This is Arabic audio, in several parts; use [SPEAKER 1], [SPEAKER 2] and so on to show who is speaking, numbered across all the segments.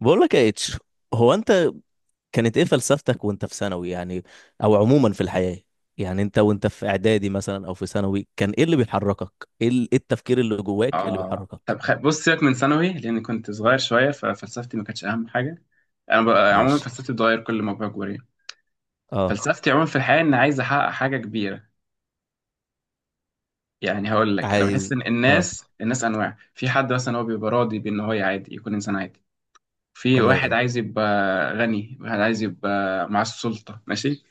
[SPEAKER 1] بقول لك يا اتش. هو انت كانت ايه فلسفتك وانت في ثانوي، يعني؟ او عموما في الحياة؟ يعني انت وانت في اعدادي مثلا او في ثانوي، كان ايه اللي بيحركك؟ إيه التفكير اللي جواك اللي
[SPEAKER 2] اه،
[SPEAKER 1] بيحركك؟
[SPEAKER 2] طب، بص، سيبك من ثانوي لان كنت صغير شويه، ففلسفتي ما كانتش اهم حاجه. عموما
[SPEAKER 1] ماشي.
[SPEAKER 2] فلسفتي بتتغير كل ما بكبر، يعني
[SPEAKER 1] اه.
[SPEAKER 2] فلسفتي عموما في الحياه ان عايز احقق حاجه كبيره. يعني هقول لك، انا بحس
[SPEAKER 1] عايز.
[SPEAKER 2] ان
[SPEAKER 1] اه.
[SPEAKER 2] الناس انواع. في حد مثلا هو بيبقى راضي بان هو عادي، يكون انسان عادي. في واحد
[SPEAKER 1] تمام.
[SPEAKER 2] عايز يبقى غني، واحد عايز يبقى مع السلطه، ماشي.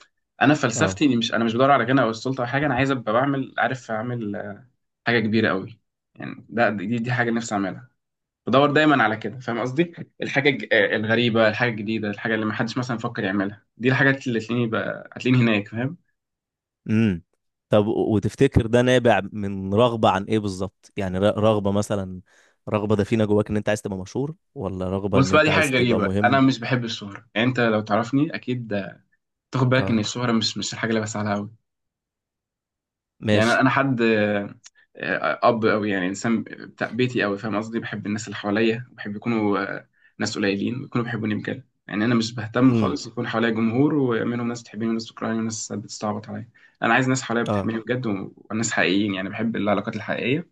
[SPEAKER 2] انا
[SPEAKER 1] اه.
[SPEAKER 2] فلسفتي اني مش بدور على غنى او السلطه او حاجه. انا عايز ابقى بعمل، عارف، اعمل حاجه كبيره قوي. يعني دي حاجه نفسي اعملها، بدور دايما على كده، فاهم قصدي. الحاجه الغريبه، الحاجه الجديده، الحاجه اللي ما حدش مثلا فكر يعملها، دي الحاجات اللي تلاقيني بقى هتلاقيني هناك، فاهم.
[SPEAKER 1] امم. طب، وتفتكر ده نابع من رغبة عن ايه بالظبط؟ يعني رغبة مثلا، رغبة دفينة جواك ان انت عايز تبقى مشهور، ولا رغبة
[SPEAKER 2] بص
[SPEAKER 1] ان
[SPEAKER 2] بقى،
[SPEAKER 1] انت
[SPEAKER 2] دي حاجه
[SPEAKER 1] عايز تبقى
[SPEAKER 2] غريبه. انا
[SPEAKER 1] مهم؟
[SPEAKER 2] مش بحب الشهره. يعني انت لو تعرفني اكيد تاخد بالك ان
[SPEAKER 1] اه.
[SPEAKER 2] الشهره مش الحاجه اللي بسعى لها قوي. يعني
[SPEAKER 1] ماشي.
[SPEAKER 2] انا حد آه، آه، اب او يعني انسان بتاع بيتي قوي، فاهم قصدي. بحب الناس اللي حواليا، بحب يكونوا ناس قليلين ويكونوا بيحبوني بجد. يعني انا مش بهتم
[SPEAKER 1] امم.
[SPEAKER 2] خالص يكون حواليا جمهور ومنهم ناس بتحبني وناس بتكرهني وناس بتستعبط عليا. انا عايز ناس حواليا
[SPEAKER 1] اه.
[SPEAKER 2] بتحبني بجد، وناس حقيقيين، يعني بحب العلاقات الحقيقيه.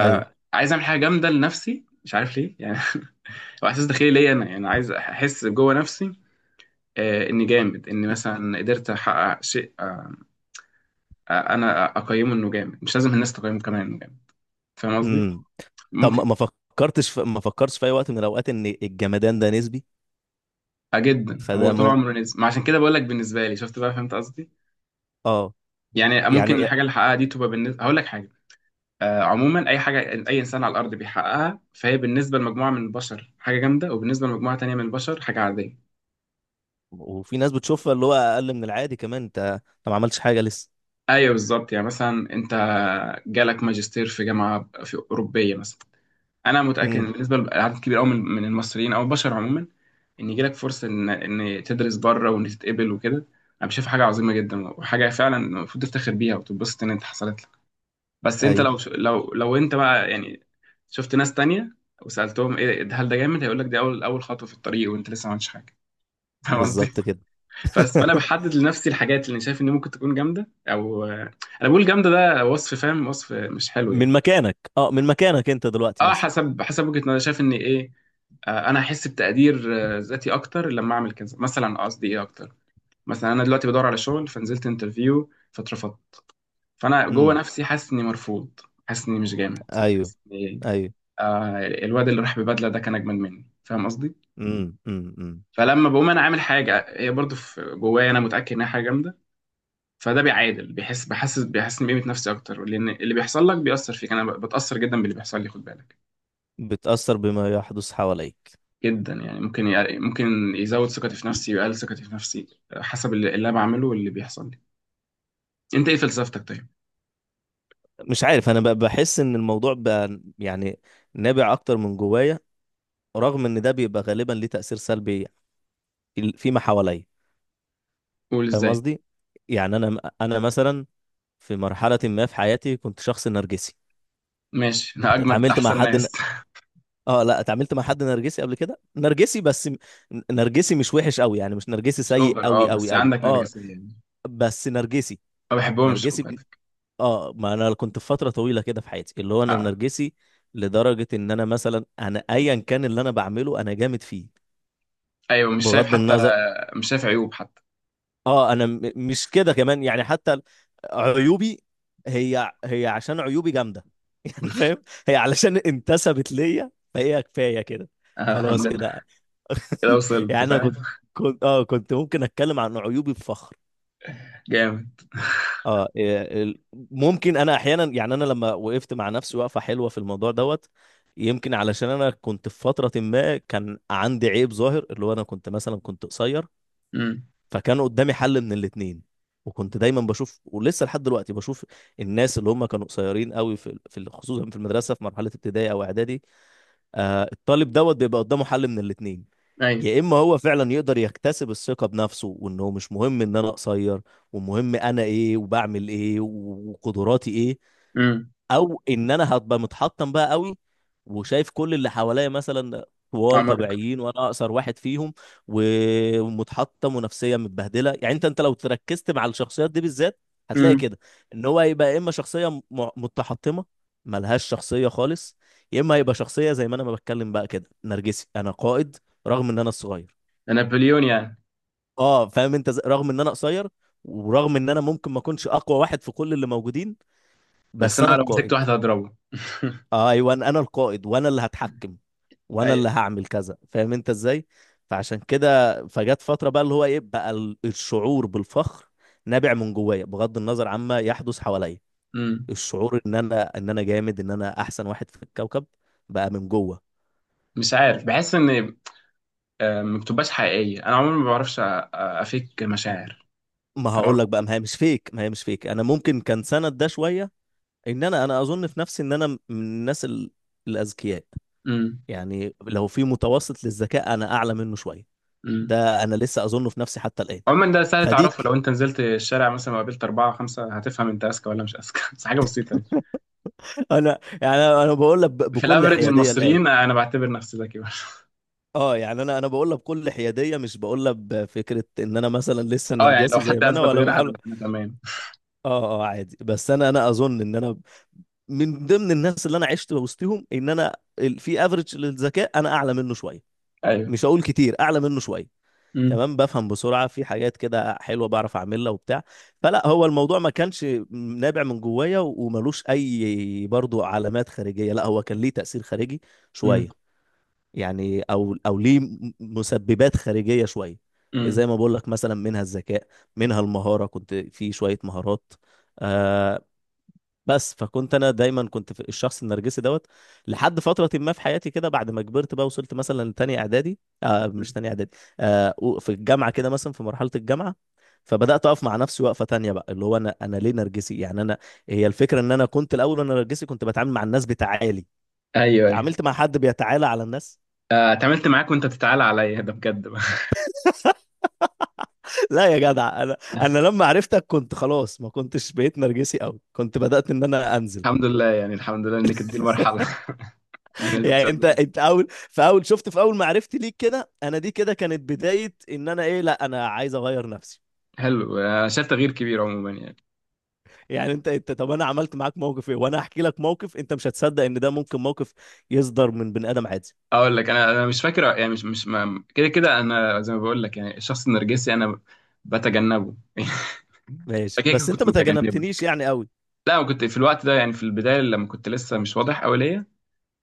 [SPEAKER 1] ايوه.
[SPEAKER 2] اعمل حاجه جامده لنفسي، مش عارف ليه يعني. هو احساس داخلي ليا انا، يعني عايز احس جوه نفسي اني جامد، اني مثلا قدرت احقق شيء، انا اقيمه انه جامد، مش لازم الناس تقيمه كمان، فاهم قصدي.
[SPEAKER 1] امم. طب، ما
[SPEAKER 2] ممكن.
[SPEAKER 1] ما ما فكرتش في اي وقت من الاوقات ان الجمدان ده نسبي؟
[SPEAKER 2] آه جدا، هو
[SPEAKER 1] فده،
[SPEAKER 2] طول عمره نزل ما، عشان كده بقول لك، بالنسبه لي، شفت بقى؟ فهمت قصدي.
[SPEAKER 1] اه
[SPEAKER 2] يعني ممكن
[SPEAKER 1] يعني.
[SPEAKER 2] الحاجه اللي حققها دي تبقى بالنسبه، هقول لك حاجه، عموما اي حاجه، اي انسان على الارض بيحققها، فهي بالنسبه لمجموعه من البشر حاجه جامده، وبالنسبه لمجموعه تانية من البشر حاجه عاديه.
[SPEAKER 1] وفي ناس بتشوفها اللي هو اقل من العادي كمان. انت ما عملتش حاجه لسه.
[SPEAKER 2] ايوه، بالظبط. يعني مثلا انت جالك ماجستير في جامعه في اوروبيه مثلا، انا متاكد
[SPEAKER 1] امم.
[SPEAKER 2] إن بالنسبه لعدد كبير قوي من المصريين او البشر عموما، ان يجي لك فرصه ان تدرس بره وان تتقبل وكده، انا بشوف حاجه عظيمه جدا، وحاجه فعلا المفروض تفتخر بيها وتتبسط ان انت حصلت لك. بس انت
[SPEAKER 1] ايوه،
[SPEAKER 2] لو انت بقى يعني شفت ناس تانية وسالتهم ايه، هل ده جامد، هيقول لك دي اول خطوه في الطريق وانت لسه ما عملتش حاجه. فاهم قصدي؟
[SPEAKER 1] بالظبط كده.
[SPEAKER 2] بس فانا بحدد لنفسي الحاجات اللي أنا شايف ان ممكن تكون جامده. او انا بقول جامده، ده وصف، فاهم، وصف مش حلو يعني.
[SPEAKER 1] من مكانك انت دلوقتي
[SPEAKER 2] اه،
[SPEAKER 1] مثلا.
[SPEAKER 2] حسب وجهة نظري، أنا شايف ان ايه، انا هحس بتقدير ذاتي اكتر لما اعمل كذا مثلا، قصدي ايه اكتر، مثلا انا دلوقتي بدور على شغل، فنزلت انترفيو فاترفضت. فانا جوه
[SPEAKER 1] امم.
[SPEAKER 2] نفسي حاسس اني مرفوض، حاسس اني مش جامد،
[SPEAKER 1] ايوه،
[SPEAKER 2] حاسس اني إيه؟
[SPEAKER 1] ايوه.
[SPEAKER 2] الواد اللي راح ببدله ده كان اجمد مني، فاهم قصدي.
[SPEAKER 1] امم. امم. أمم.
[SPEAKER 2] فلما بقوم انا عامل حاجه هي برضو في جوايا انا متاكد انها حاجه جامده، فده بيعادل، بيحسسني بقيمه نفسي اكتر، لان اللي بيحصل لك بيأثر فيك. انا بتأثر جدا باللي بيحصل لي، خد بالك.
[SPEAKER 1] بتأثر بما يحدث حواليك.
[SPEAKER 2] جدا، يعني ممكن يزود ثقتي في نفسي ويقلل ثقتي في نفسي، حسب اللي انا بعمله واللي بيحصل لي. انت ايه فلسفتك طيب؟
[SPEAKER 1] مش عارف، انا بحس ان الموضوع بقى، يعني، نابع اكتر من جوايا، رغم ان ده بيبقى غالبا ليه تأثير سلبي في ما حواليا.
[SPEAKER 2] قول
[SPEAKER 1] فاهم
[SPEAKER 2] ازاي.
[SPEAKER 1] قصدي؟ يعني انا مثلا، في مرحله ما في حياتي، كنت شخص نرجسي.
[SPEAKER 2] ماشي، انا
[SPEAKER 1] انت
[SPEAKER 2] اجمد،
[SPEAKER 1] اتعاملت مع
[SPEAKER 2] احسن
[SPEAKER 1] حد؟
[SPEAKER 2] ناس.
[SPEAKER 1] اه، لا. اتعاملت مع حد نرجسي قبل كده، نرجسي بس نرجسي مش وحش قوي، يعني مش نرجسي
[SPEAKER 2] مش
[SPEAKER 1] سيء
[SPEAKER 2] اوفر، اه،
[SPEAKER 1] قوي قوي
[SPEAKER 2] بس
[SPEAKER 1] قوي.
[SPEAKER 2] عندك
[SPEAKER 1] اه.
[SPEAKER 2] نرجسية يعني.
[SPEAKER 1] بس نرجسي.
[SPEAKER 2] ما بحبهمش، خد
[SPEAKER 1] نرجسي.
[SPEAKER 2] بالك.
[SPEAKER 1] اه، ما انا كنت في فتره طويله كده في حياتي، اللي هو انا
[SPEAKER 2] آه.
[SPEAKER 1] نرجسي. لدرجه ان انا مثلا، انا ايا كان اللي انا بعمله انا جامد فيه،
[SPEAKER 2] ايوه، مش شايف
[SPEAKER 1] بغض
[SPEAKER 2] حتى،
[SPEAKER 1] النظر.
[SPEAKER 2] مش شايف عيوب حتى.
[SPEAKER 1] اه، انا مش كده كمان، يعني حتى عيوبي، هي هي عشان عيوبي جامده. يعني، فاهم؟ هي علشان انتسبت ليا، فهي كفايه كده.
[SPEAKER 2] آه، الحمد
[SPEAKER 1] خلاص
[SPEAKER 2] لله،
[SPEAKER 1] كده.
[SPEAKER 2] كده
[SPEAKER 1] يعني
[SPEAKER 2] وصلت،
[SPEAKER 1] انا
[SPEAKER 2] فاهم.
[SPEAKER 1] كنت، كنت ممكن اتكلم عن عيوبي بفخر.
[SPEAKER 2] جامد.
[SPEAKER 1] اه، إيه، ممكن انا احيانا، يعني انا لما وقفت مع نفسي وقفه حلوه في الموضوع دوت، يمكن علشان انا كنت في فتره ما كان عندي عيب ظاهر، اللي هو انا كنت مثلا كنت قصير.
[SPEAKER 2] امم.
[SPEAKER 1] فكان قدامي حل من الاتنين. وكنت دايما بشوف، ولسه لحد دلوقتي بشوف، الناس اللي هم كانوا قصيرين قوي خصوصا في المدرسه، في مرحله ابتدائي او اعدادي. آه، الطالب دوت بيبقى قدامه حل من الاتنين.
[SPEAKER 2] ايوه.
[SPEAKER 1] يا اما هو فعلا يقدر يكتسب الثقه بنفسه، وانه مش مهم ان انا قصير، ومهم انا ايه، وبعمل ايه، وقدراتي ايه.
[SPEAKER 2] امم.
[SPEAKER 1] او ان انا هبقى متحطم بقى قوي، وشايف كل اللي حواليا مثلا طوال
[SPEAKER 2] عمرك.
[SPEAKER 1] طبيعيين وانا اقصر واحد فيهم، ومتحطم ونفسيه متبهدله. يعني انت لو تركزت مع الشخصيات دي بالذات هتلاقي
[SPEAKER 2] امم.
[SPEAKER 1] كده، ان هو هيبقى يا اما شخصيه متحطمه ملهاش شخصيه خالص، يا اما هيبقى شخصيه زي ما انا ما بتكلم بقى كده، نرجسي، انا قائد رغم ان انا الصغير.
[SPEAKER 2] ده نابليون يعني.
[SPEAKER 1] اه، فاهم انت؟ رغم ان انا قصير، ورغم ان انا ممكن ما اكونش اقوى واحد في كل اللي موجودين،
[SPEAKER 2] بس
[SPEAKER 1] بس انا
[SPEAKER 2] انا لو مسكت
[SPEAKER 1] القائد.
[SPEAKER 2] واحد هضربه.
[SPEAKER 1] آه، ايوه. أنا القائد، وانا اللي هتحكم، وانا
[SPEAKER 2] ايوه.
[SPEAKER 1] اللي هعمل كذا، فاهم انت ازاي؟ فعشان كده، فجت فتره بقى اللي هو ايه بقى، الشعور بالفخر نابع من جوايا بغض النظر عما يحدث حواليا.
[SPEAKER 2] امم.
[SPEAKER 1] الشعور ان انا جامد، ان انا احسن واحد في الكوكب، بقى من جوه.
[SPEAKER 2] مش عارف، بحس ان ما بتبقاش حقيقية. أنا عموما ما بعرفش أفيك مشاعر،
[SPEAKER 1] ما
[SPEAKER 2] فاهم
[SPEAKER 1] هقول
[SPEAKER 2] قصدي؟
[SPEAKER 1] لك بقى، ما هي مش فيك. انا ممكن كان سند ده شويه، ان انا اظن في نفسي ان انا من الناس الاذكياء.
[SPEAKER 2] أمم،
[SPEAKER 1] يعني لو في متوسط للذكاء، انا اعلى منه شويه.
[SPEAKER 2] أمم.
[SPEAKER 1] ده انا لسه اظنه في نفسي حتى الان.
[SPEAKER 2] عموما ده سهل تعرفه،
[SPEAKER 1] فديك.
[SPEAKER 2] لو أنت نزلت الشارع مثلا وقابلت أربعة خمسة هتفهم أنت أذكى ولا مش أذكى. بس حاجة بسيطة يعني.
[SPEAKER 1] انا، يعني انا بقول لك
[SPEAKER 2] في
[SPEAKER 1] بكل
[SPEAKER 2] الأفريج
[SPEAKER 1] حياديه الان.
[SPEAKER 2] المصريين أنا بعتبر نفسي ذكي برضه.
[SPEAKER 1] اه، يعني انا بقول لك بكل حياديه، مش بقول لك بفكره ان انا مثلا لسه
[SPEAKER 2] يعني لو
[SPEAKER 1] نرجسي
[SPEAKER 2] حد
[SPEAKER 1] زي ما انا
[SPEAKER 2] أثبت
[SPEAKER 1] ولا
[SPEAKER 2] غيرها، أنا
[SPEAKER 1] بحاول.
[SPEAKER 2] أنا تمام.
[SPEAKER 1] اه، اه. عادي. بس انا اظن ان انا من ضمن الناس اللي انا عشت وسطهم، ان انا في افريج للذكاء انا اعلى منه شويه.
[SPEAKER 2] أيوه.
[SPEAKER 1] مش هقول كتير، اعلى منه شويه.
[SPEAKER 2] أمم،
[SPEAKER 1] تمام، بفهم بسرعه في حاجات كده حلوه، بعرف اعملها وبتاع. فلا، هو الموضوع ما كانش نابع من جوايا وملوش اي برضو علامات خارجيه، لا هو كان ليه تاثير خارجي
[SPEAKER 2] أمم،
[SPEAKER 1] شويه، يعني او ليه مسببات خارجيه شويه. زي
[SPEAKER 2] أمم،
[SPEAKER 1] ما بقول لك، مثلا منها الذكاء، منها المهاره، كنت في شويه مهارات، آه. بس فكنت انا دايما كنت في الشخص النرجسي دوت، لحد فتره ما في حياتي كده، بعد ما كبرت بقى، وصلت مثلا لتانية اعدادي. آه، مش
[SPEAKER 2] أمم.
[SPEAKER 1] تانية اعدادي. آه، في الجامعه كده، مثلا في مرحله الجامعه، فبدات اقف مع نفسي وقفه تانية بقى، اللي هو انا ليه نرجسي يعني، انا هي الفكره ان انا كنت الاول وانا نرجسي كنت بتعامل مع الناس بتعالي.
[SPEAKER 2] أيوه، أيوه.
[SPEAKER 1] تعاملت مع حد بيتعالى على الناس؟
[SPEAKER 2] اتعاملت معاك وأنت بتتعالى عليا، ده بجد بقى.
[SPEAKER 1] لا يا جدع، انا لما عرفتك كنت خلاص، ما كنتش بقيت نرجسي قوي، كنت بدأت ان انا انزل.
[SPEAKER 2] الحمد لله يعني، الحمد لله إنك دي المرحلة. إنك كنتش
[SPEAKER 1] يعني انت
[SPEAKER 2] قبل كده.
[SPEAKER 1] انت اول في اول شفت في اول ما عرفتي ليك كده، انا دي كده كانت بداية ان انا ايه، لا انا عايز اغير نفسي.
[SPEAKER 2] حلو، أنا شايف تغيير كبير عموما يعني.
[SPEAKER 1] يعني انت طب، انا عملت معاك موقف ايه، وانا هحكي لك موقف انت مش هتصدق ان ده ممكن موقف يصدر من بني ادم عادي.
[SPEAKER 2] اقول لك، انا مش فاكر يعني، مش مش ما- كده كده انا زي ما بقول لك يعني، الشخص النرجسي انا بتجنبه.
[SPEAKER 1] ماشي.
[SPEAKER 2] كده كده
[SPEAKER 1] بس انت
[SPEAKER 2] كنت
[SPEAKER 1] ما
[SPEAKER 2] متجنبه.
[SPEAKER 1] تجنبتنيش يعني قوي.
[SPEAKER 2] لا، انا كنت في الوقت ده يعني، في البدايه لما كنت لسه مش واضح قوي ليا،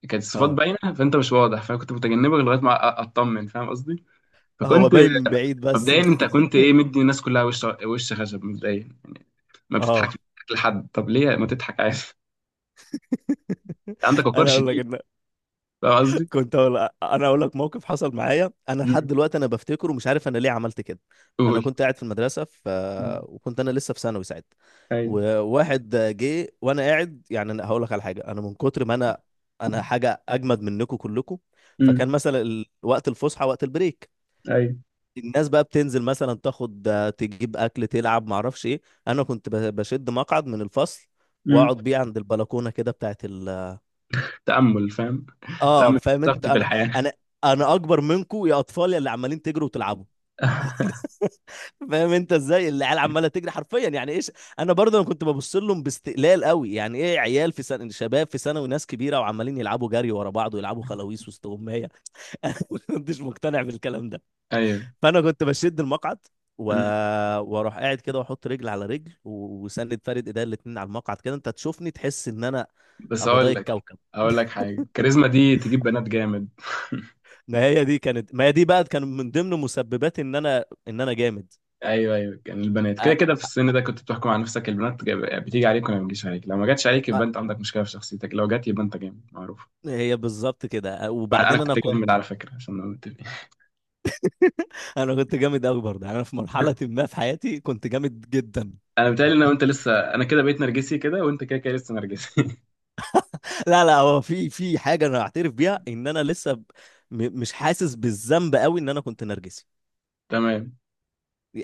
[SPEAKER 2] كانت الصفات
[SPEAKER 1] اه،
[SPEAKER 2] باينه، فانت مش واضح، فانا كنت متجنبك لغايه ما اطمن، فاهم قصدي.
[SPEAKER 1] هو
[SPEAKER 2] فكنت
[SPEAKER 1] باين من بعيد بس.
[SPEAKER 2] مبدئيا، انت كنت ايه، مدي الناس كلها وش وش خشب مبدئيا، ما بتضحكش،
[SPEAKER 1] اه،
[SPEAKER 2] بتضحك لحد، طب ليه ما تضحك عادي؟ عندك وقار
[SPEAKER 1] انا اقول لك
[SPEAKER 2] شديد،
[SPEAKER 1] ان
[SPEAKER 2] فاهم قصدي.
[SPEAKER 1] كنت أقول انا اقول لك موقف حصل معايا، انا لحد
[SPEAKER 2] مم.
[SPEAKER 1] دلوقتي انا بفتكره، ومش عارف انا ليه عملت كده. انا
[SPEAKER 2] قول.
[SPEAKER 1] كنت قاعد في المدرسه،
[SPEAKER 2] مم.
[SPEAKER 1] وكنت انا لسه في ثانوي ساعتها.
[SPEAKER 2] ايوه.
[SPEAKER 1] وواحد جه وانا قاعد، يعني أنا هقول لك على حاجه، انا من كتر ما انا حاجه اجمد منكم كلكم. فكان
[SPEAKER 2] مم.
[SPEAKER 1] مثلا وقت الفسحه، وقت البريك.
[SPEAKER 2] ايوه.
[SPEAKER 1] الناس بقى بتنزل، مثلا تاخد، تجيب اكل، تلعب، معرفش ايه. انا كنت بشد مقعد من الفصل،
[SPEAKER 2] مم.
[SPEAKER 1] واقعد بيه عند البلكونه كده بتاعت.
[SPEAKER 2] تأمل، فاهم،
[SPEAKER 1] اه،
[SPEAKER 2] تأمل،
[SPEAKER 1] فاهم انت؟
[SPEAKER 2] ثقتي في الحياة.
[SPEAKER 1] انا انا اكبر منكم يا اطفال، يا اللي عمالين تجروا وتلعبوا. فاهم انت ازاي العيال عماله تجري حرفيا، يعني ايش. انا برضه، انا كنت ببص لهم باستقلال قوي، يعني ايه عيال في سنه، شباب في سنه، وناس كبيره، وعمالين يلعبوا جري ورا بعض، ويلعبوا خلاويص وسط اميه. انا ما كنتش مقتنع بالكلام ده.
[SPEAKER 2] ايوه.
[SPEAKER 1] فانا كنت بشد المقعد و...
[SPEAKER 2] مم.
[SPEAKER 1] واروح قاعد كده، واحط رجل على رجل، وسند فارد ايديا الاتنين على المقعد كده، انت تشوفني تحس ان انا
[SPEAKER 2] بس
[SPEAKER 1] ابضاي
[SPEAKER 2] اقول لك
[SPEAKER 1] الكوكب.
[SPEAKER 2] اقول لك حاجة، الكاريزما دي تجيب بنات جامد.
[SPEAKER 1] ما هي دي بقى كان من ضمن مسببات ان انا جامد.
[SPEAKER 2] ايوه، ايوه، كان البنات كده
[SPEAKER 1] أ...
[SPEAKER 2] كده في السن ده كنت بتحكم على نفسك: البنات بتيجي عليك ولا ما بتجيش عليك. لو ما جاتش عليك،
[SPEAKER 1] أ...
[SPEAKER 2] يبقى انت عندك مشكلة في شخصيتك، لو جات يبقى انت جامد معروف.
[SPEAKER 1] هي بالظبط كده،
[SPEAKER 2] انا
[SPEAKER 1] وبعدين انا
[SPEAKER 2] كنت جامد
[SPEAKER 1] كنت.
[SPEAKER 2] على فكرة، عشان نبقى متفقين.
[SPEAKER 1] انا كنت جامد قوي برضه، يعني انا في مرحله ما في حياتي كنت جامد جدا.
[SPEAKER 2] انا بتهيألي ان انت لسه، انا كده بقيت نرجسي كده، وانت كده كده لسه نرجسي.
[SPEAKER 1] لا، لا، هو في حاجه انا اعترف بيها، ان انا لسه مش حاسس بالذنب قوي ان انا كنت نرجسي.
[SPEAKER 2] تمام.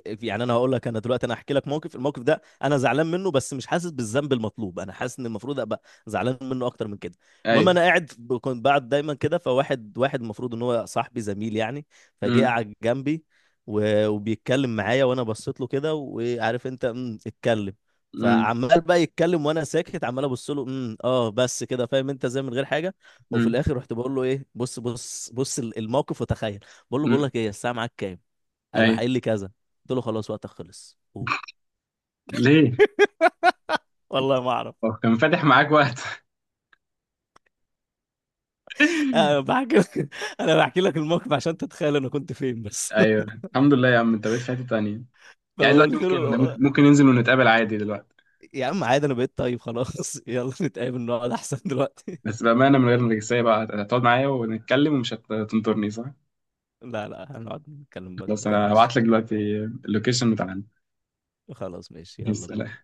[SPEAKER 1] يعني انا هقول لك، انا دلوقتي انا هحكي لك موقف، الموقف ده انا زعلان منه، بس مش حاسس بالذنب المطلوب، انا حاسس ان المفروض ابقى زعلان منه اكتر من كده.
[SPEAKER 2] اي.
[SPEAKER 1] المهم، انا قاعد كنت بقعد دايما كده، فواحد، واحد المفروض ان هو صاحبي، زميل يعني، فجه
[SPEAKER 2] امم،
[SPEAKER 1] قعد جنبي وبيتكلم معايا، وانا بصيت له كده، وعارف انت؟ اتكلم.
[SPEAKER 2] امم،
[SPEAKER 1] فعمال بقى يتكلم وانا ساكت، عمال ابص له، بس كده، فاهم انت، زي من غير حاجه. وفي
[SPEAKER 2] امم.
[SPEAKER 1] الاخر رحت بقول له ايه، بص بص بص الموقف وتخيل. بقول لك ايه، الساعه معاك كام؟
[SPEAKER 2] اي،
[SPEAKER 1] راح قايل لي كذا، قلت له خلاص وقتك خلص، قوم.
[SPEAKER 2] ليه؟
[SPEAKER 1] والله ما اعرف.
[SPEAKER 2] هو كان فاتح معاك وقت؟
[SPEAKER 1] انا بحكي لك. انا بحكي لك الموقف عشان تتخيل انا كنت فين بس.
[SPEAKER 2] ايوه. الحمد لله يا عم، انت بقيت في حته تانيه. يعني دلوقتي
[SPEAKER 1] فقلت له
[SPEAKER 2] ممكن ننزل ونتقابل عادي دلوقتي.
[SPEAKER 1] يا عم عادي، انا بقيت طيب، خلاص. يلا نتقابل، نقعد احسن دلوقتي.
[SPEAKER 2] بس بامانه من غير نرجسيه بقى، هتقعد معايا ونتكلم ومش هتنطرني صح؟
[SPEAKER 1] لا، لا، هنقعد نتكلم بقى،
[SPEAKER 2] خلاص،
[SPEAKER 1] ما
[SPEAKER 2] انا
[SPEAKER 1] تقلقش.
[SPEAKER 2] هبعت لك دلوقتي اللوكيشن بتاعنا.
[SPEAKER 1] خلاص، ماشي،
[SPEAKER 2] يا
[SPEAKER 1] يلا
[SPEAKER 2] سلام.
[SPEAKER 1] بينا.